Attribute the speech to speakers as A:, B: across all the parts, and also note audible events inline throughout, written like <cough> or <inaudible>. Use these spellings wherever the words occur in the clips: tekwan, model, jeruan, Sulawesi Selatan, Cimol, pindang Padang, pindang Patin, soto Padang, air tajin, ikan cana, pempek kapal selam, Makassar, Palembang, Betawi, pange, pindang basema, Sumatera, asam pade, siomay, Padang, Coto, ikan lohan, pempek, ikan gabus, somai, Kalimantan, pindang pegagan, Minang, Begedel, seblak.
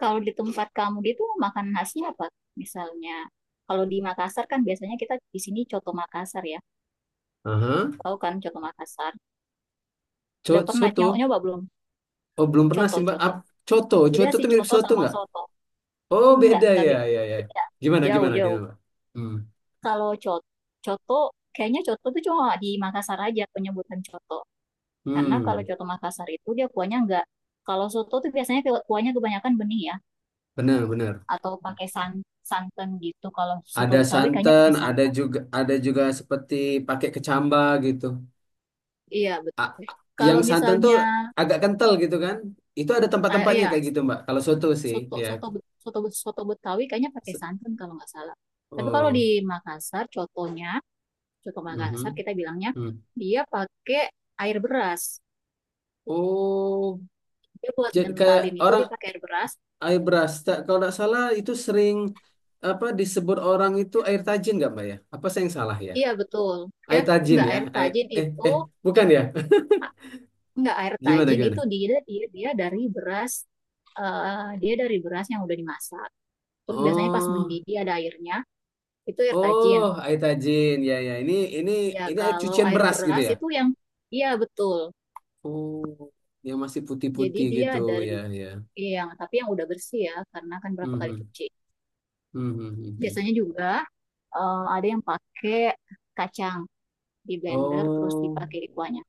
A: Kalau di tempat kamu itu makan khasnya apa? Misalnya, kalau di Makassar kan biasanya kita di sini coto Makassar ya.
B: Aha.
A: Tahu kan coto Makassar? Udah pernah nyoba,
B: Soto.
A: belum?
B: Oh, belum pernah sih, Mbak.
A: Coto-coto.
B: Ap- Coto.
A: Beda
B: Coto
A: sih
B: tuh mirip
A: coto
B: soto
A: sama
B: nggak?
A: soto.
B: Oh,
A: Enggak,
B: beda ya, ya, ya.
A: beda.
B: Gimana, gimana,
A: Jauh-jauh.
B: gimana, Mbak? Hmm.
A: Kalau coto, kayaknya coto itu cuma di Makassar aja penyebutan coto. Karena kalau
B: Hmm.
A: coto Makassar itu dia kuahnya enggak. Kalau soto tuh biasanya kuahnya kebanyakan bening ya,
B: Benar, benar.
A: atau pakai santan gitu. Kalau soto
B: Ada
A: Betawi kayaknya
B: santan,
A: pakai
B: ada
A: santan.
B: juga ada juga seperti pakai kecamba gitu.
A: Iya,
B: A-
A: betul.
B: a-
A: Kalau
B: yang santan tuh
A: misalnya,
B: agak kental gitu kan? Itu ada
A: ah,
B: tempat-tempatnya
A: iya,
B: kayak gitu, Mbak. Kalau soto sih,
A: soto
B: ya.
A: soto Bet- soto Bet- soto Betawi kayaknya pakai
B: Se-
A: santan kalau nggak salah. Tapi kalau di
B: Oh.
A: Makassar, contohnya, contoh Makassar
B: Mhm,
A: kita bilangnya
B: hmm.
A: dia pakai air beras.
B: Oh,
A: Dia buat
B: jadi kayak
A: ngentalin itu
B: orang
A: dia pakai air beras.
B: air beras. Tak- Kalau nggak salah itu sering apa disebut orang itu air tajin nggak Mbak ya? Apa saya yang salah ya?
A: Iya betul.
B: Air
A: Eh,
B: tajin
A: nggak,
B: ya?
A: air
B: Air,
A: tajin
B: eh
A: itu,
B: eh bukan ya?
A: ah,
B: <laughs>
A: nggak air
B: Gimana
A: tajin itu
B: gimana?
A: dia dia dia dari beras. Dia dari beras yang udah dimasak. Terus biasanya pas
B: Oh
A: mendidih ada airnya, itu air
B: oh
A: tajin.
B: air tajin ya ya ini
A: Ya,
B: ini air
A: kalau
B: cucian
A: air
B: beras gitu
A: beras
B: ya?
A: itu yang iya betul.
B: Oh yang masih
A: Jadi
B: putih-putih
A: dia
B: gitu ya
A: dari
B: ya.
A: yang, tapi yang udah bersih ya, karena kan berapa kali
B: Mhm.
A: cuci.
B: Mhm.
A: Biasanya juga ada yang pakai kacang di blender terus
B: Oh
A: dipakai di kuahnya.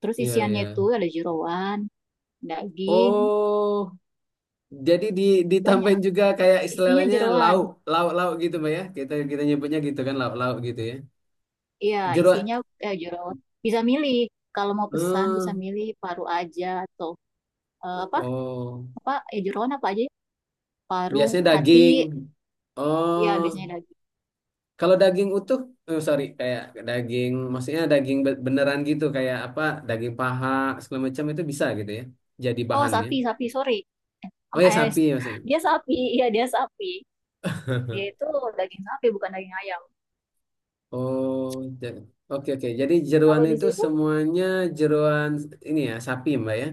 A: Terus
B: ya
A: isiannya itu
B: ya.
A: ada jeroan, daging,
B: Oh jadi ditambahin
A: banyak.
B: juga kayak
A: Isinya
B: istilahnya
A: jeroan.
B: lauk, lauk, lauk gitu Mbak ya. Kita kita nyebutnya gitu kan lauk, lauk gitu ya.
A: Iya,
B: Jeruan.
A: isinya jeroan. Bisa milih, kalau mau pesan bisa
B: eh,
A: milih paru aja atau apa?
B: oh,
A: Apa jeroan apa aja? Ya? Paru,
B: biasanya
A: hati,
B: daging.
A: ya
B: Oh,
A: biasanya daging.
B: kalau daging utuh, eh sorry, kayak daging, maksudnya daging be- beneran gitu, kayak apa, daging paha segala macam itu bisa gitu ya, jadi
A: Oh,
B: bahannya.
A: sapi, sapi, sorry.
B: Oh
A: Om
B: ya
A: es.
B: sapi maksudnya.
A: Dia sapi, iya dia sapi. Dia itu daging sapi bukan daging ayam.
B: Oh, ja- oke oke. Jadi jeruan
A: Kalau di
B: itu
A: situ
B: semuanya jeruan ini ya sapi Mbak ya.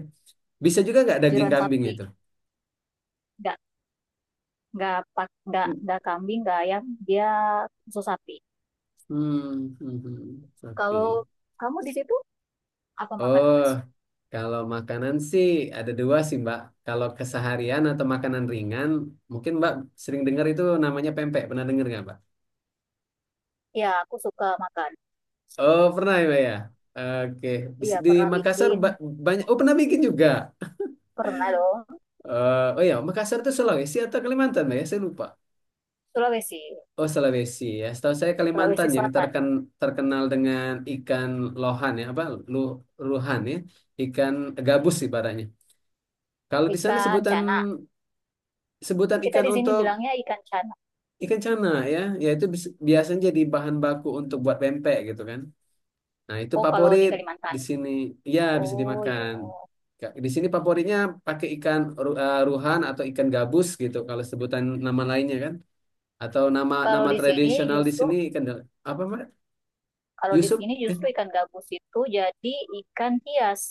B: Bisa juga nggak daging
A: jeroan
B: kambing
A: sapi,
B: itu?
A: nggak nggak kambing nggak ayam, dia khusus sapi.
B: Hmm.
A: Kalau
B: Oke.
A: kamu di situ apa makanan
B: Oh,
A: khas?
B: kalau makanan sih ada dua sih, Mbak. Kalau keseharian atau makanan ringan, mungkin Mbak sering dengar itu namanya pempek. Pernah dengar nggak, Mbak?
A: Ya aku suka makan.
B: Oh, pernah ya, Mbak ya. Oke.
A: Iya
B: Di
A: pernah
B: Makassar
A: bikin,
B: ba- banyak. Oh, pernah bikin juga.
A: pernah dong.
B: Eh, oh ya, Makassar itu Sulawesi atau Kalimantan, Mbak ya? Saya lupa.
A: Sulawesi,
B: Oh, Sulawesi ya. Setahu saya
A: Sulawesi
B: Kalimantan yang
A: Selatan,
B: terken, terkenal dengan ikan lohan ya, apa? Lu, ruhan ya. Ikan gabus ibaratnya. Kalau di sana
A: ikan
B: sebutan
A: cana.
B: sebutan
A: Kita
B: ikan
A: di sini
B: untuk
A: bilangnya ikan cana.
B: ikan cana ya, yaitu bis- biasanya jadi bahan baku untuk buat pempek gitu kan. Nah, itu
A: Oh kalau di
B: favorit
A: Kalimantan.
B: di sini. Ya, bisa
A: Oh iya.
B: dimakan. Ka- Di sini favoritnya pakai ikan ru- eh, ruhan atau ikan gabus gitu kalau sebutan nama lainnya kan. Atau nama
A: Kalau
B: nama
A: di sini
B: tradisional di
A: justru
B: sini ikan dal- apa, Mbak?
A: Kalau di
B: Yusuf?
A: sini
B: Eh,
A: justru ikan gabus itu jadi ikan hias,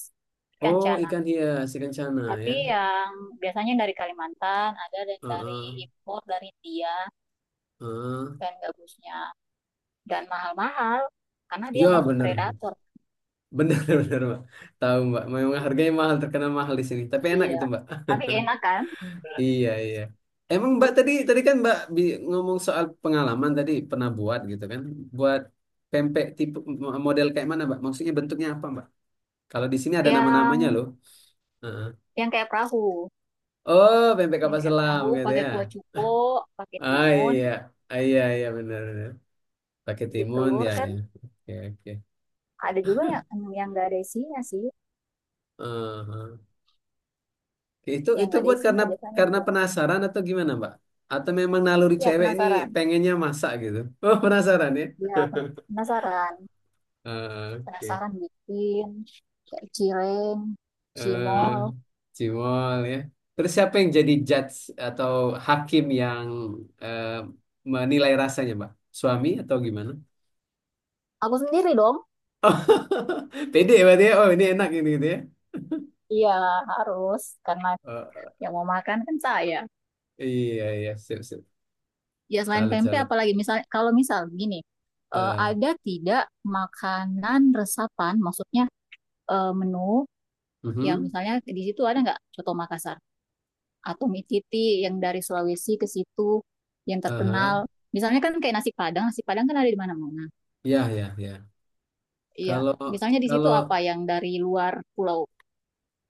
A: ikan
B: oh,
A: cana.
B: ikan hias, ikan cana ya.
A: Tapi yang biasanya dari Kalimantan, ada dan dari
B: Heeh.
A: impor dari India,
B: Heeh.
A: ikan gabusnya. Dan mahal-mahal, karena dia
B: Ya,
A: masuk
B: bener.
A: predator.
B: Benar, benar, <laughs> Mbak. Tahu, Mbak. Memang harganya mahal, terkenal mahal di sini. Tapi enak
A: Iya.
B: itu, Mbak. <laughs>
A: Tapi enak kan?
B: Iya, iya. Emang Mbak tadi tadi kan Mbak bi- ngomong soal pengalaman tadi pernah buat gitu kan. Buat pempek tipe mo- model kayak mana, Mbak? Maksudnya bentuknya apa, Mbak? Kalau di sini ada nama-namanya
A: Yang
B: loh. Heeh.
A: yang kayak perahu.
B: Oh, pempek
A: Yang
B: kapal
A: kayak
B: selam
A: perahu,
B: gitu
A: pakai
B: ya.
A: kuah cuko, pakai
B: Ah,
A: timun,
B: iya. Ah, iya, iya benar, benar. Pakai
A: isi
B: timun
A: telur
B: ya, ya.
A: kan.
B: Oke, oke.
A: Ada juga yang nggak ada isinya sih.
B: Heeh. Itu
A: Yang
B: itu
A: nggak ada
B: buat
A: isinya biasanya
B: karena
A: juga.
B: penasaran atau gimana, Mbak? Atau memang naluri
A: Iya
B: cewek ini
A: penasaran.
B: pengennya masak gitu? <laughs> Oh, penasaran ya? <laughs>
A: Iya penasaran.
B: Eh, oke.
A: Penasaran bikin kayak cireng,
B: eh
A: cimol.
B: Cimol ya. Terus siapa yang jadi judge atau hakim yang eh, menilai rasanya, Mbak? Suami atau gimana? <laughs>
A: Aku sendiri dong.
B: Oh, pede berarti ya. Oh, ini enak ini gitu ya.
A: Iya, harus karena yang mau makan kan saya.
B: Eh, iya, iya. Sip, sip.
A: Ya selain
B: Salut,
A: pempek
B: salut.
A: apalagi misal, kalau misal gini,
B: eh
A: ada tidak makanan resapan, maksudnya menu yang
B: mhm,
A: misalnya di situ ada nggak coto Makassar atau mie titi yang dari Sulawesi ke situ yang
B: aha.
A: terkenal. Misalnya kan kayak nasi Padang kan ada di mana-mana.
B: Ya, ya, ya.
A: Iya,
B: Kalau
A: misalnya di situ
B: kalau
A: apa yang dari luar pulau,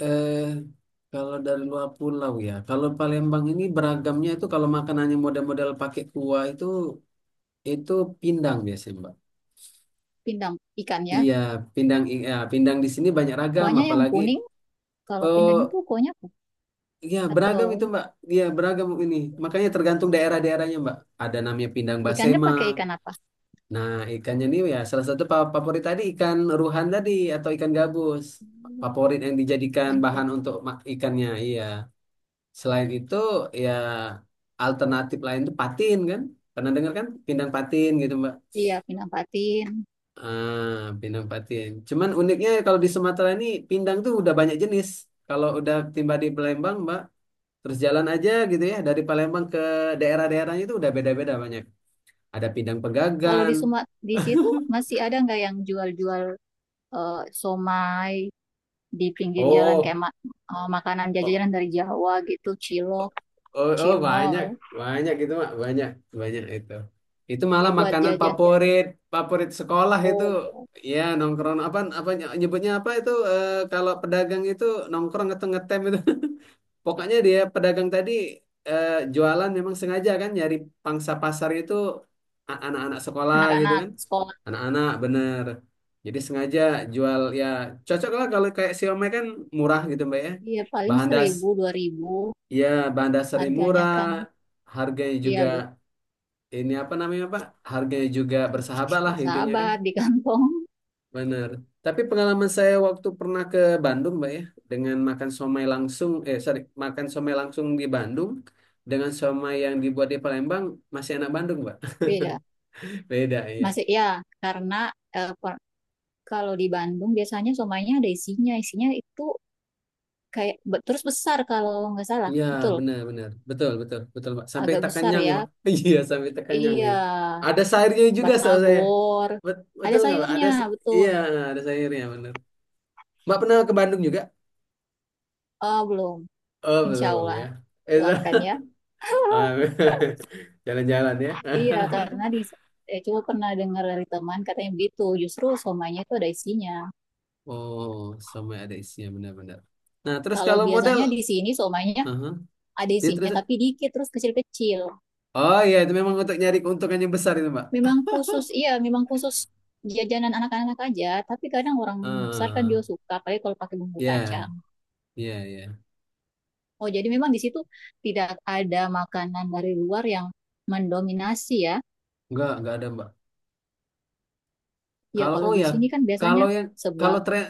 B: eh, kalau dari luar pulau ya, kalau Palembang ini beragamnya itu kalau makanannya model-model pakai kuah itu pindang biasanya, Mbak.
A: pindang ikannya.
B: Iya, pindang i- ya, pindang di sini banyak ragam,
A: Kuahnya yang
B: apalagi
A: kuning, kalau pindang itu
B: oh
A: kuahnya apa?
B: ya beragam itu,
A: Atau
B: Mbak. Iya, beragam ini. Makanya
A: iya,
B: tergantung daerah-daerahnya, Mbak. Ada namanya pindang
A: ikannya
B: basema.
A: pakai ikan apa?
B: Nah, ikannya ini ya salah satu fa- favorit tadi ikan ruhan tadi atau ikan gabus. Favorit yang dijadikan
A: Ikan
B: bahan
A: tuna.
B: untuk ma- ikannya, iya. Selain itu ya alternatif lain tuh Patin kan? Pernah dengar kan? Pindang Patin gitu Mbak.
A: Iya, pindang patin.
B: Ah, pindang Patin. Cuman uniknya kalau di Sumatera ini pindang tuh udah banyak jenis. Kalau udah tiba di Palembang Mbak, terus jalan aja gitu ya dari Palembang ke daerah-daerahnya itu udah beda-beda banyak. Ada pindang
A: Kalau
B: pegagan.
A: di Sumat di situ masih ada nggak yang jual-jual eh, somai di pinggir jalan
B: Oh,
A: kayak makanan jajanan dari Jawa gitu, cilok,
B: oh, oh banyak,
A: cimol,
B: banyak itu Mak, banyak, banyak itu. Itu malah
A: ya buat
B: makanan
A: jajan-jajan.
B: favorit, favorit sekolah itu.
A: Oh iya,
B: Ya, nongkrong apa apa nyebutnya apa itu kalau pedagang itu nongkrong atau ngetem itu. <laughs> Pokoknya dia pedagang tadi eh, jualan memang sengaja kan nyari pangsa pasar itu a- anak-anak sekolah gitu
A: anak-anak
B: kan.
A: sekolah.
B: Anak-anak bener. Jadi sengaja jual ya cocok lah kalau kayak siomay kan murah gitu Mbak ya.
A: Iya, paling
B: Bahan das
A: seribu, dua ribu
B: ya, bahan dasarnya
A: harganya
B: murah,
A: kan.
B: harganya juga
A: Iya,
B: ini apa namanya Pak? Harganya juga bersahabat lah intinya kan,
A: bersahabat di kantong.
B: benar. Tapi pengalaman saya waktu pernah ke Bandung, Mbak ya, dengan makan somai langsung, eh sorry, makan somai langsung di Bandung dengan somai yang dibuat di Palembang masih enak Bandung, Mbak.
A: Beda.
B: <laughs> Beda iya.
A: Masih ya, karena eh, per- kalau di Bandung biasanya somainya ada isinya. Isinya itu kayak terus besar kalau nggak salah.
B: Iya,
A: Betul,
B: benar-benar. Betul, betul, betul, Pak. Sampai
A: agak
B: tak
A: besar
B: kenyang, ya,
A: ya.
B: Pak. <laughs> Iya, sampai tak kenyang
A: Iya,
B: gitu. Ada sayurnya juga, saudara saya.
A: batagor.
B: Bet-
A: Ada
B: betul nggak, Pak? Ada,
A: sayurnya,
B: s-
A: betul.
B: iya, ada sayurnya, benar. Mbak pernah ke Bandung juga?
A: Oh, belum.
B: Oh,
A: Insya
B: belum ya.
A: Allah.
B: Itu
A: Doakan ya.
B: <laughs> ah, <laughs> jalan-jalan ya. <laughs>
A: Iya, karena di cuma pernah dengar dari teman katanya begitu. Justru somainya itu ada isinya.
B: Oh, sampai ada isinya benar-benar. Nah, terus
A: Kalau
B: kalau modal,
A: biasanya di sini somainya
B: aha,
A: ada
B: dia
A: isinya
B: terus,
A: tapi dikit terus kecil-kecil.
B: oh iya itu memang untuk nyari keuntungan yang besar itu Mbak.
A: Memang khusus,
B: <laughs>
A: iya, memang khusus jajanan anak-anak aja. Tapi kadang orang besar kan juga
B: Ah,
A: suka, apalagi kalau pakai bumbu
B: ya,
A: kacang.
B: ya, ya.
A: Oh, jadi memang di situ tidak ada makanan dari luar yang mendominasi ya.
B: Enggak ada Mbak.
A: Ya,
B: Kalau
A: kalau
B: oh
A: di
B: ya,
A: sini kan biasanya
B: kalau yang
A: seblak,
B: kalau tren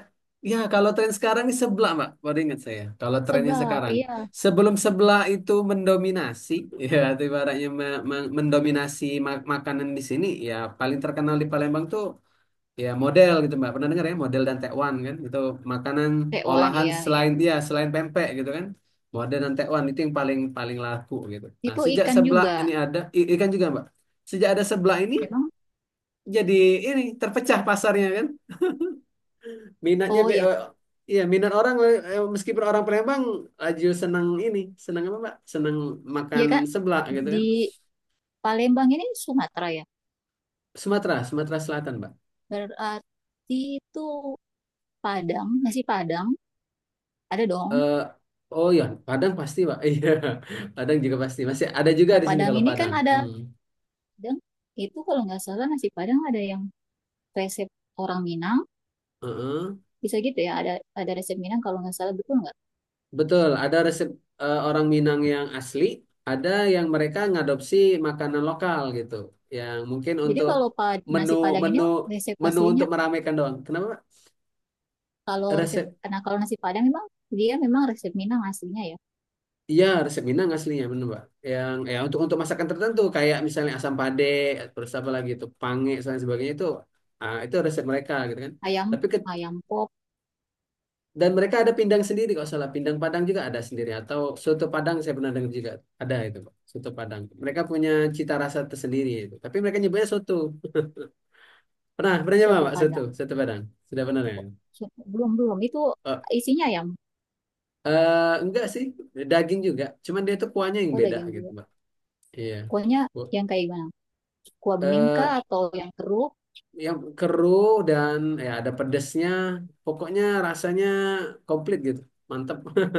B: ya kalau tren sekarang ini sebelah Mbak. Baru ingat saya. Kalau trennya
A: seblak,
B: sekarang
A: iya,
B: sebelum sebelah itu mendominasi <laughs> ya itu ibaratnya me- me- mendominasi ma- makanan di sini ya paling terkenal di Palembang tuh ya model gitu Mbak. Pernah dengar ya model dan tekwan kan? Itu makanan
A: tewan,
B: olahan
A: iya, iya.
B: selain dia selain pempek gitu kan. Model dan tekwan itu yang paling paling laku gitu. Nah,
A: Itu
B: sejak
A: ikan
B: sebelah
A: juga.
B: ini ada i- ikan juga Mbak. Sejak ada sebelah ini
A: Memang,
B: jadi ini terpecah pasarnya kan minatnya
A: oh
B: be
A: ya,
B: eh, iya minat orang eh, meskipun orang Palembang laju senang ini senang apa Mbak senang makan
A: iya kan
B: seblak gitu
A: di
B: kan
A: Palembang ini Sumatera ya.
B: Sumatera Sumatera Selatan Mbak
A: Berarti itu Padang, nasi Padang, ada dong.
B: eh, oh iya Padang pasti Mbak <laughs> iya Padang juga pasti masih ada juga
A: Nah,
B: di sini
A: Padang
B: kalau
A: ini kan
B: Padang
A: ada,
B: hmm.
A: Padang itu kalau nggak salah nasi Padang ada yang resep orang Minang,
B: Heeh.
A: bisa gitu ya, ada resep Minang kalau nggak salah, betul nggak?
B: Betul ada resep orang Minang yang asli ada yang mereka ngadopsi makanan lokal gitu yang mungkin
A: Jadi
B: untuk
A: kalau
B: menu
A: nasi Padang ini
B: menu
A: resep
B: menu
A: aslinya,
B: untuk meramaikan doang kenapa Mbak?
A: kalau resep,
B: Resep
A: nah kalau nasi Padang memang dia memang resep Minang aslinya ya.
B: iya, resep Minang aslinya bener, mbak. Yang ya untuk masakan tertentu kayak misalnya asam pade, terus apa lagi itu pange dan lain sebagainya itu ah, itu resep mereka gitu kan.
A: Ayam,
B: Tapi ke-
A: ayam pop,
B: dan mereka ada pindang sendiri kalau salah, pindang Padang juga ada sendiri atau soto Padang saya pernah dengar juga ada itu, Pak. Soto Padang. Mereka punya cita rasa tersendiri itu. Tapi mereka nyebutnya soto. Pernah, pernah nyoba,
A: soto
B: mbak soto,
A: Padang.
B: soto Padang. Sudah pernah ya?
A: Belum belum itu.
B: Oh,
A: Isinya ayam,
B: eh, enggak sih, daging juga. Cuman dia tuh kuahnya yang
A: oh
B: beda
A: daging
B: gitu,
A: dulu.
B: mbak. Iya.
A: Kuahnya
B: Bu-
A: yang kayak gimana, kuah bening kah
B: eh,
A: atau yang keruh?
B: yang keruh dan ya ada pedesnya. Pokoknya rasanya komplit gitu. Mantep. <laughs>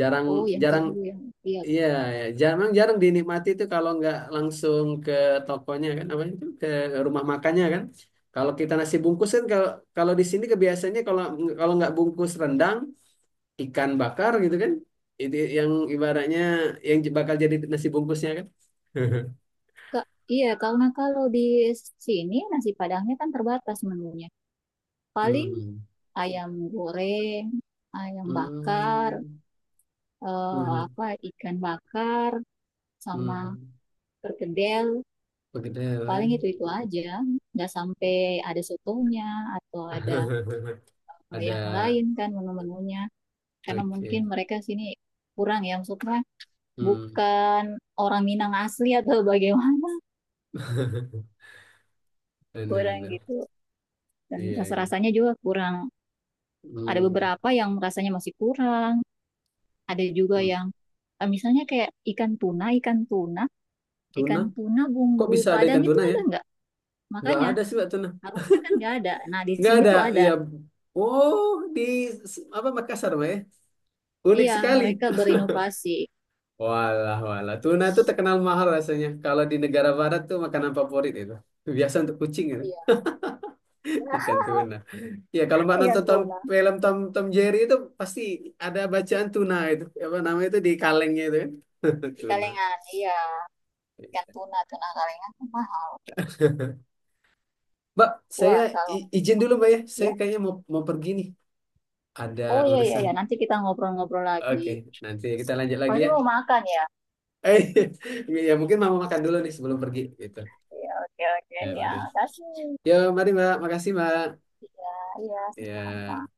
B: Jarang
A: Oh yang
B: jarang
A: keruk yang iya kan?
B: iya ya, jarang jarang dinikmati itu kalau nggak langsung ke tokonya kan apa itu ke rumah makannya kan. Kalau kita nasi bungkus kan kalau kalau di sini kebiasaannya kalau kalau nggak bungkus rendang, ikan bakar gitu kan. Itu yang ibaratnya yang bakal jadi nasi bungkusnya kan. <laughs>
A: Kak, iya, karena kalau di sini nasi Padangnya kan terbatas menunya. Paling
B: Hmm.
A: ayam goreng, ayam bakar,
B: Hmm. Hmm.
A: apa, ikan bakar, sama
B: Hmm.
A: perkedel.
B: Begedel
A: Paling
B: ya.
A: itu-itu aja, nggak sampai ada sotonya atau ada
B: <laughs> Ada
A: yang lain kan menu-menunya. Karena mungkin
B: oke.
A: mereka sini kurang ya, maksudnya
B: Hmm,
A: bukan orang Minang asli atau bagaimana, <laughs> kurang
B: benar-benar.
A: gitu. Dan
B: Iya, iya.
A: rasa-rasanya juga kurang. Ada
B: Hmm.
A: beberapa yang rasanya masih kurang, ada juga
B: Hmm.
A: yang eh, misalnya kayak ikan tuna,
B: Tuna?
A: ikan tuna
B: Kok bisa
A: bumbu
B: ada
A: Padang
B: ikan
A: itu
B: tuna ya?
A: ada nggak?
B: Nggak
A: Makanya
B: ada sih Mbak tuna.
A: harusnya kan nggak ada. Nah, di
B: Nggak
A: sini
B: ada.
A: tuh
B: Ya.
A: ada.
B: Oh, di s- apa Makassar, Mbak ya? Unik
A: Iya,
B: sekali.
A: mereka berinovasi.
B: Walah, walah. Tuna tuh terkenal mahal rasanya. Kalau di negara barat tuh makanan favorit itu. Biasa untuk kucing itu.
A: Iya, <laughs>
B: <laughs>
A: iya,
B: Ikan tuna. Ya, kalau Mbak
A: ikan
B: nonton Tom,
A: tuna.
B: film Tom Tom Jerry itu pasti ada bacaan tuna itu. Apa namanya itu di kalengnya itu kan. <laughs>
A: Di
B: Tuna.
A: kalengan. Iya, ikan tuna, tuna kalengan tuh mahal.
B: Mbak, saya
A: Wah, kalau
B: i- izin dulu Mbak ya. Saya
A: ya.
B: kayaknya mau mau pergi nih. Ada
A: Oh iya iya
B: urusan.
A: ya, nanti kita ngobrol-ngobrol lagi.
B: Oke, nanti kita lanjut lagi
A: Pasti
B: ya.
A: mau makan ya.
B: Eh, <laughs> ya mungkin mau makan dulu nih sebelum pergi gitu.
A: Iya, oke oke
B: Ya,
A: ya.
B: mari.
A: Kasih.
B: Yo, mari Mbak. Makasih Mbak.
A: Iya, iya, sama-sama.
B: Ya.